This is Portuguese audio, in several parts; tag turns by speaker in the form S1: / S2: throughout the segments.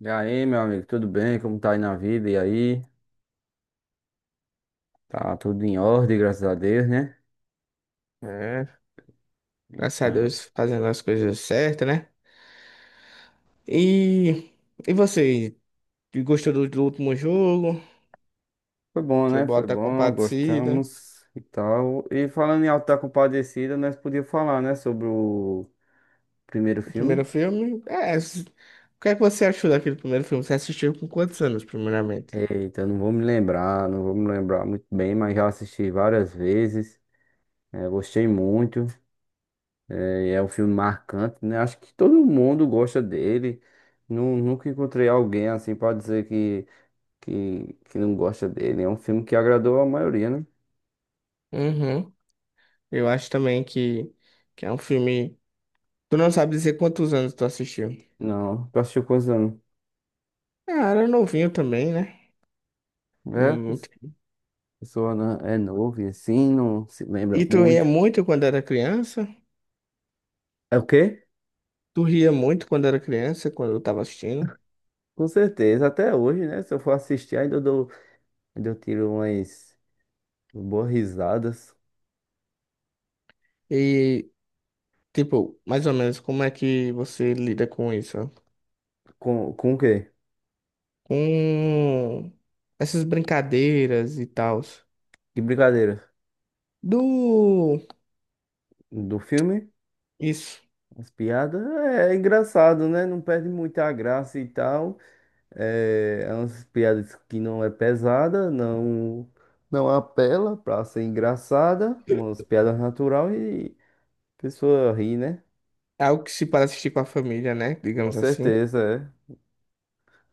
S1: E aí, meu amigo, tudo bem? Como tá aí na vida? E aí? Tá tudo em ordem, graças a Deus, né?
S2: É, graças a
S1: Então,
S2: Deus fazendo as coisas certas, né? E, e você, gostou do último jogo?
S1: foi bom,
S2: Você
S1: né? Foi
S2: bota
S1: bom,
S2: compartilha,
S1: gostamos e tal. E falando em Auto da Compadecida, nós podíamos falar, né, sobre o primeiro
S2: o primeiro
S1: filme.
S2: filme? É, o que é que você achou daquele primeiro filme? Você assistiu com quantos anos, primeiramente?
S1: Eita, não vou me lembrar, não vou me lembrar muito bem, mas já assisti várias vezes. É, gostei muito. É, é um filme marcante, né? Acho que todo mundo gosta dele. Nunca encontrei alguém assim para dizer que não gosta dele. É um filme que agradou a maioria, né?
S2: Uhum. Eu acho também que é um filme. Tu não sabe dizer quantos anos tu assistiu?
S1: Não, tu assistiu quantos anos?
S2: Ah, era novinho também, né?
S1: É,
S2: Não-
S1: a
S2: não te-
S1: pessoa é novo e assim, não se lembra
S2: E tu ria
S1: muito.
S2: muito quando era criança?
S1: É o quê?
S2: Tu ria muito quando era criança, quando eu tava assistindo?
S1: Com certeza, até hoje, né? Se eu for assistir, ainda eu tiro umas boas risadas.
S2: E, tipo, mais ou menos, como é que você lida com isso?
S1: Com o quê?
S2: Com essas brincadeiras e tal.
S1: Que brincadeira?
S2: Do...
S1: Do filme?
S2: Isso.
S1: As piadas? É engraçado, né? Não perde muita graça e tal. É, é umas piadas que não é pesada, não não apela pra ser engraçada, umas piadas natural e a pessoa ri, né?
S2: É algo que se para assistir com a família, né?
S1: Com
S2: Digamos assim.
S1: certeza, é.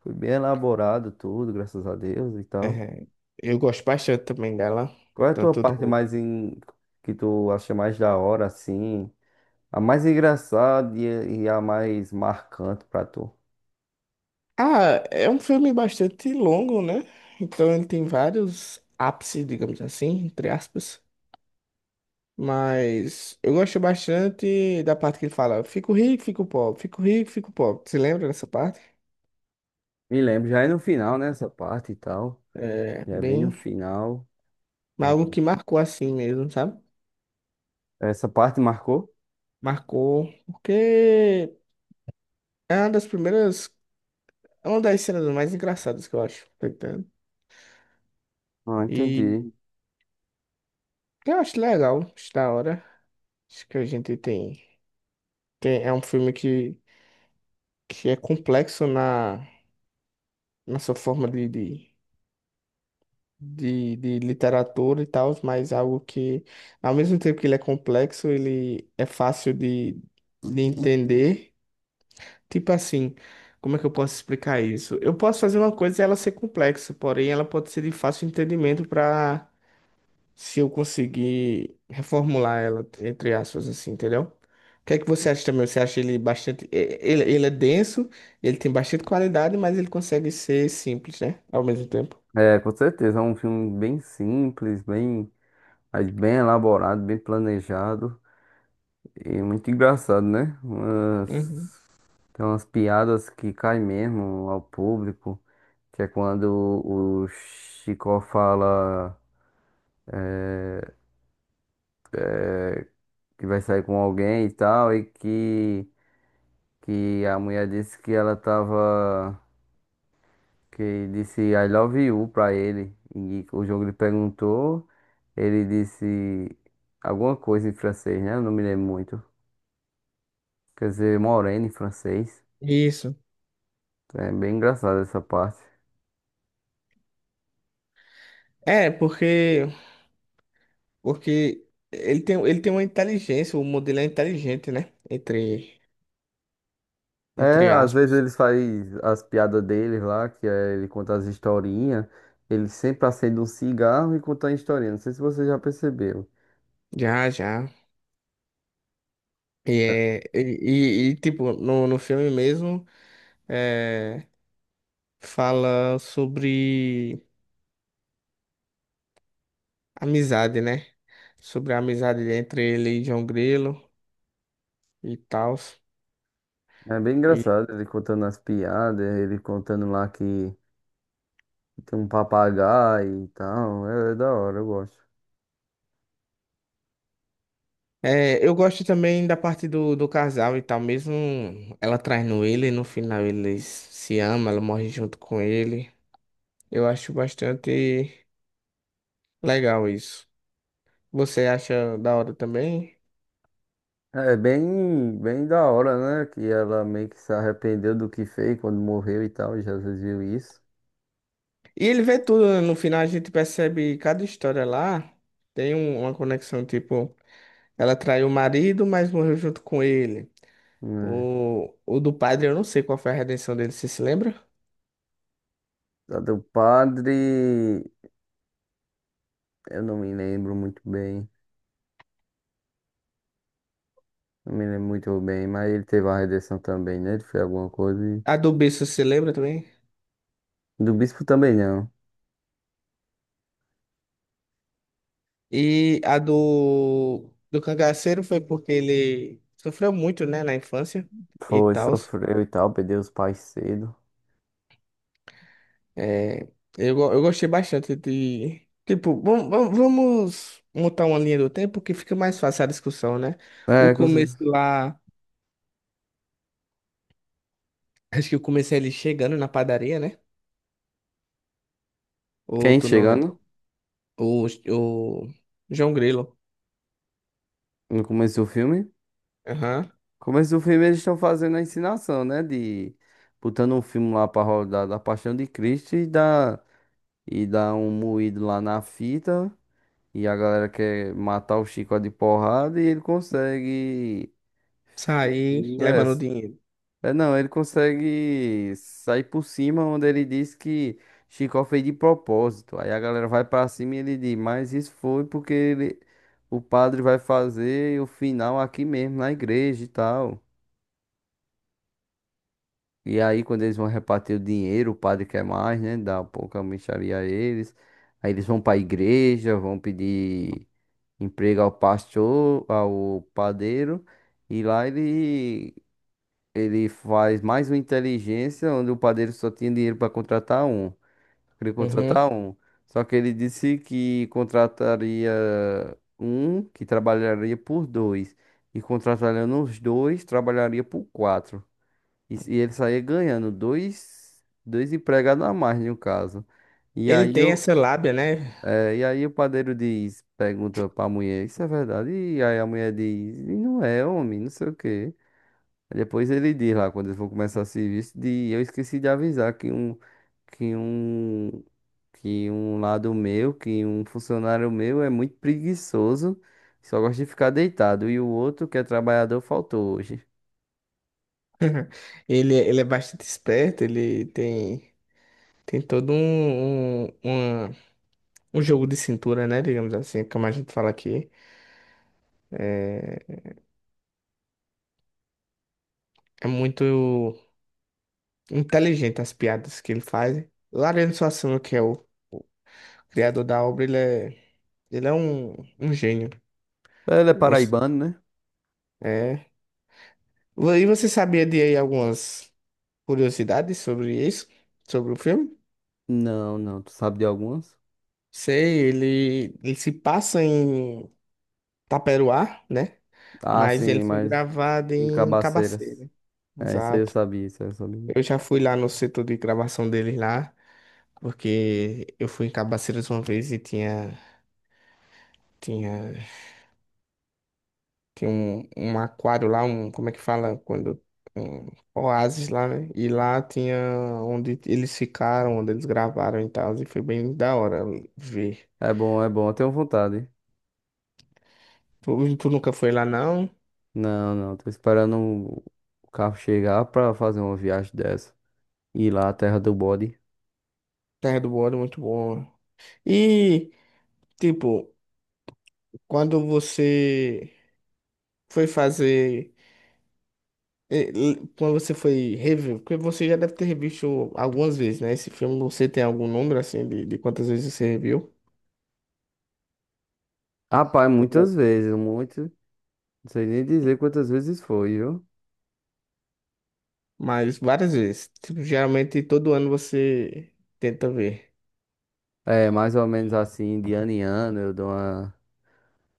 S1: Foi bem elaborado tudo, graças a Deus e tal.
S2: É, eu gosto bastante também dela.
S1: Qual é a tua
S2: Tanto
S1: parte
S2: do...
S1: mais que tu acha mais da hora, assim? A mais engraçada e a mais marcante pra tu?
S2: Ah, é um filme bastante longo, né? Então ele tem vários ápices, digamos assim, entre aspas. Mas eu gosto bastante da parte que ele fala: fico rico, fico pobre, fico rico, fico pobre. Você lembra dessa parte?
S1: Me lembro, já é no final, né? Essa parte e tal.
S2: É
S1: Já é bem no
S2: bem.
S1: final.
S2: Mas algo
S1: Uhum.
S2: que marcou assim mesmo, sabe?
S1: Essa parte marcou?
S2: Marcou, porque é uma das primeiras. É uma das cenas mais engraçadas que eu acho, tá entendendo?
S1: Ah, entendi.
S2: E eu acho legal, acho da hora. Acho que a gente tem. Tem, é um filme que é complexo na nossa forma de literatura e tal, mas algo que, ao mesmo tempo que ele é complexo, ele é fácil de entender. Tipo assim, como é que eu posso explicar isso? Eu posso fazer uma coisa e ela ser complexa, porém ela pode ser de fácil entendimento para se eu conseguir reformular ela, entre aspas, assim, entendeu? O que é que você acha também? Você acha ele bastante. Ele ele é denso, ele tem bastante qualidade, mas ele consegue ser simples, né? Ao mesmo tempo.
S1: É, com certeza, é um filme bem simples, bem, mas bem elaborado, bem planejado e muito engraçado, né?
S2: Uhum.
S1: Tem umas piadas que caem mesmo ao público, que é quando o Chico fala que vai sair com alguém e tal, e que a mulher disse que ela tava, que disse I love you pra ele, e o jogo lhe perguntou, ele disse alguma coisa em francês, né? Eu não me lembro muito. Quer dizer, moreno em francês.
S2: Isso.
S1: Então é bem engraçado essa parte.
S2: É, porque ele tem uma inteligência, o modelo é inteligente, né?
S1: É,
S2: Entre
S1: às vezes
S2: aspas.
S1: eles fazem as piadas dele lá, que é, ele conta as historinhas. Ele sempre acende um cigarro e conta a historinha. Não sei se você já percebeu.
S2: Já, já. E tipo, no filme mesmo, é, fala sobre amizade, né? Sobre a amizade entre ele e João Grilo e tal.
S1: É bem
S2: E,
S1: engraçado ele contando as piadas, ele contando lá que tem um papagaio e tal. É, é da hora, eu gosto.
S2: é, eu gosto também da parte do casal e tal, mesmo ela traindo ele, no final eles se amam, ela morre junto com ele. Eu acho bastante legal isso. Você acha da hora também?
S1: É bem, bem da hora, né? Que ela meio que se arrependeu do que fez quando morreu e tal. E Jesus viu isso.
S2: E ele vê tudo, né? No final a gente percebe cada história lá. Tem uma conexão, tipo, ela traiu o marido, mas morreu junto com ele.
S1: Né?
S2: O do padre, eu não sei qual foi a redenção dele, você se lembra?
S1: A do padre. Eu não me lembro muito bem. Não me lembro muito bem, mas ele teve uma redenção também, né? Ele fez alguma coisa.
S2: A do bispo, se lembra também?
S1: Do bispo também não.
S2: E a do cangaceiro foi porque ele sofreu muito, né, na infância e
S1: Foi,
S2: tal.
S1: sofreu e tal, perdeu os pais cedo.
S2: É, eu gostei bastante de. Tipo, vamos montar uma linha do tempo que fica mais fácil a discussão, né? O
S1: É,
S2: começo lá. Acho que eu comecei ele chegando na padaria, né? Ou
S1: quem
S2: tu não lembra?
S1: chegando
S2: O João Grilo.
S1: no começo do filme? No
S2: Aham.
S1: começo do filme eles estão fazendo a ensinação, né? De botando um filme lá pra rodar da Paixão de Cristo e dá, um moído lá na fita. E a galera quer matar o Chico de porrada e ele consegue.
S2: Sair
S1: Fingir
S2: levando o dinheiro.
S1: É, não, ele consegue sair por cima, onde ele diz que Chicó fez de propósito. Aí a galera vai pra cima e ele diz, mas isso foi porque ele, o padre vai fazer o final aqui mesmo, na igreja e tal. E aí, quando eles vão repartir o dinheiro, o padre quer mais, né? Dá um pouco a mixaria a eles. Aí eles vão pra igreja, vão pedir emprego ao pastor, ao padeiro. E lá ele faz mais uma inteligência, onde o padeiro só tinha dinheiro para contratar um. Queria
S2: Uhum.
S1: contratar um. Só que ele disse que contrataria um que trabalharia por dois. E contratando os dois, trabalharia por quatro. E, se- e ele saía ganhando dois, dois empregados a mais, no caso. E
S2: Ele
S1: aí,
S2: tem
S1: eu,
S2: essa lábia, né?
S1: e aí o padeiro diz, pergunta para a mulher, isso é verdade? E aí a mulher diz, e não é, homem, não sei o quê. Aí depois ele diz lá, quando eles vão começar o serviço, de eu esqueci de avisar que um, que um funcionário meu é muito preguiçoso, só gosta de ficar deitado, e o outro, que é trabalhador, faltou hoje.
S2: Ele é bastante esperto, ele tem, tem todo um jogo de cintura, né? Digamos assim, é como a gente fala aqui. É, é muito. Inteligente as piadas que ele faz. O Ariano Suassuna, que é o criador da obra, ele é um gênio.
S1: Ele é
S2: Você...
S1: paraibano, né?
S2: é. E você sabia de aí algumas curiosidades sobre isso? Sobre o filme?
S1: Não, não, tu sabe de algumas?
S2: Sei, ele se passa em Taperoá, né?
S1: Ah,
S2: Mas ele
S1: sim,
S2: foi
S1: mas
S2: gravado
S1: em
S2: em
S1: Cabaceiras.
S2: Cabaceira.
S1: É, isso aí eu
S2: Exato.
S1: sabia, isso aí eu sabia.
S2: Eu já fui lá no setor de gravação dele lá, porque eu fui em Cabaceiras uma vez e tinha. Tinha... tem um aquário lá, um, como é que fala? Quando, um oásis lá, né? E lá tinha onde eles ficaram, onde eles gravaram e tal. E foi bem da hora ver.
S1: É bom, eu tenho vontade.
S2: Tu, tu nunca foi lá, não?
S1: Não, não, tô esperando o carro chegar pra fazer uma viagem dessa. Ir lá à terra do bode.
S2: Terra do Ouro, muito bom. E, tipo, quando você foi fazer. Quando você foi rever, porque você já deve ter revisto algumas vezes, né? Esse filme, você tem algum número, assim, de quantas vezes você reviu?
S1: Rapaz, muitas vezes, muito. Não sei nem dizer quantas vezes foi, viu?
S2: Mas várias vezes. Tipo, geralmente todo ano você tenta ver.
S1: É, mais ou menos assim, de ano em ano, eu dou uma,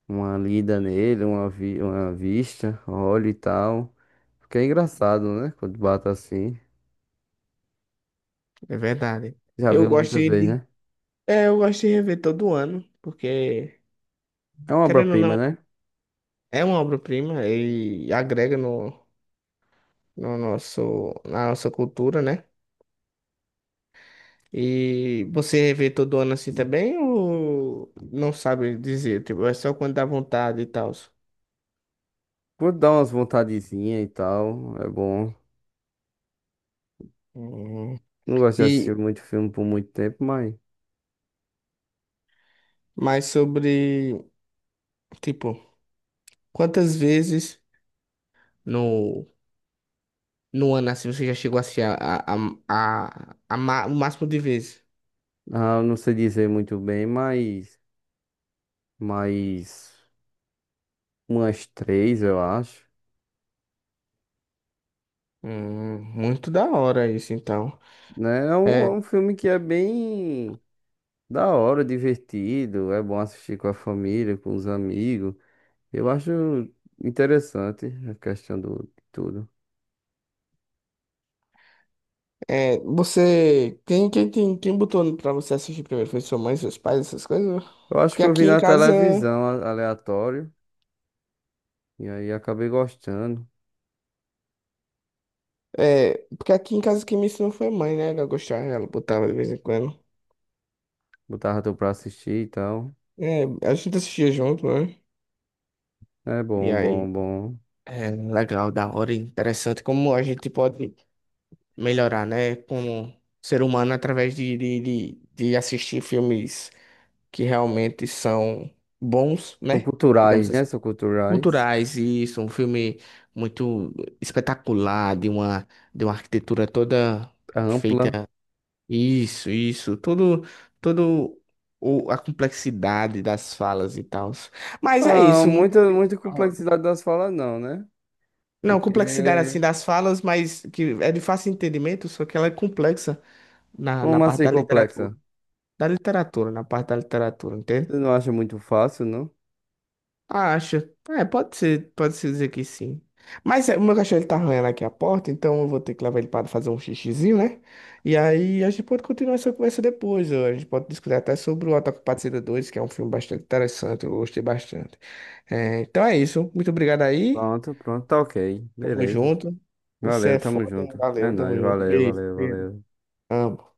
S1: uma lida nele, uma vista, olho e tal. Porque é engraçado, né? Quando bata assim.
S2: É verdade.
S1: Já
S2: Eu
S1: viu
S2: gosto
S1: muitas vezes,
S2: de.
S1: né?
S2: É, eu gosto de rever todo ano, porque,
S1: É uma
S2: querendo ou
S1: obra-prima,
S2: não,
S1: né?
S2: é uma obra-prima e agrega no, no nosso, na nossa cultura, né? E você rever todo ano assim também, ou não sabe dizer? Tipo, é só quando dá vontade e tal.
S1: Vou dar umas vontadezinhas e tal, é bom.
S2: Hum.
S1: Não gosto de assistir
S2: E
S1: muito filme por muito tempo, mas.
S2: mais sobre, tipo, quantas vezes. No, no ano, assim, você já chegou assim o máximo de vezes.
S1: Ah, eu não sei dizer muito bem, mas. Mas. Umas três, eu acho.
S2: Muito da hora isso, então.
S1: Né? É um, é
S2: É,
S1: um filme que é bem da hora, divertido, é bom assistir com a família, com os amigos. Eu acho interessante a questão do de tudo.
S2: é, você, quem botou pra você assistir primeiro? Foi sua mãe, seus pais, essas coisas?
S1: Eu acho
S2: Porque
S1: que eu vi
S2: aqui em
S1: na
S2: casa,
S1: televisão aleatório e aí acabei gostando.
S2: é, porque aqui em casa quem me ensinou foi a mãe, né? Ela gostava, ela botava de vez em quando.
S1: Botava tu pra assistir e tal.
S2: É, a gente assistia junto, né?
S1: É
S2: E
S1: bom,
S2: aí,
S1: bom, bom.
S2: é legal, da hora, interessante como a gente pode melhorar, né? Como ser humano através de assistir filmes que realmente são bons,
S1: São
S2: né? Digamos
S1: culturais, né?
S2: assim.
S1: São culturais.
S2: Culturais, e isso, um filme muito espetacular, de uma arquitetura toda
S1: É ampla.
S2: feita. Isso, todo, todo o, a complexidade das falas e tal. Mas é
S1: Ah,
S2: isso, muito
S1: muita, muita complexidade das falas não, né?
S2: não,
S1: Porque
S2: complexidade assim das falas, mas que é de fácil entendimento, só que ela é complexa. Na
S1: como
S2: parte
S1: assim
S2: da literatura.
S1: complexa?
S2: Da literatura, na parte da literatura, entende?
S1: Você não acha muito fácil, não?
S2: Ah, acho. É, pode ser, pode se dizer que sim. Mas é, o meu cachorro ele tá arranhando aqui a porta, então eu vou ter que levar ele para fazer um xixizinho, né? E aí a gente pode continuar essa conversa depois. Ó. A gente pode discutir até sobre o Autocapacidade dois que é um filme bastante interessante, eu gostei bastante. É, então é isso. Muito obrigado aí.
S1: Pronto, pronto, tá ok.
S2: Tamo
S1: Beleza.
S2: junto. Você é
S1: Valeu, tamo
S2: foda.
S1: junto. É
S2: Valeu, tamo
S1: nóis,
S2: junto.
S1: valeu,
S2: Beijo,
S1: valeu,
S2: Pedro.
S1: valeu.
S2: Amo.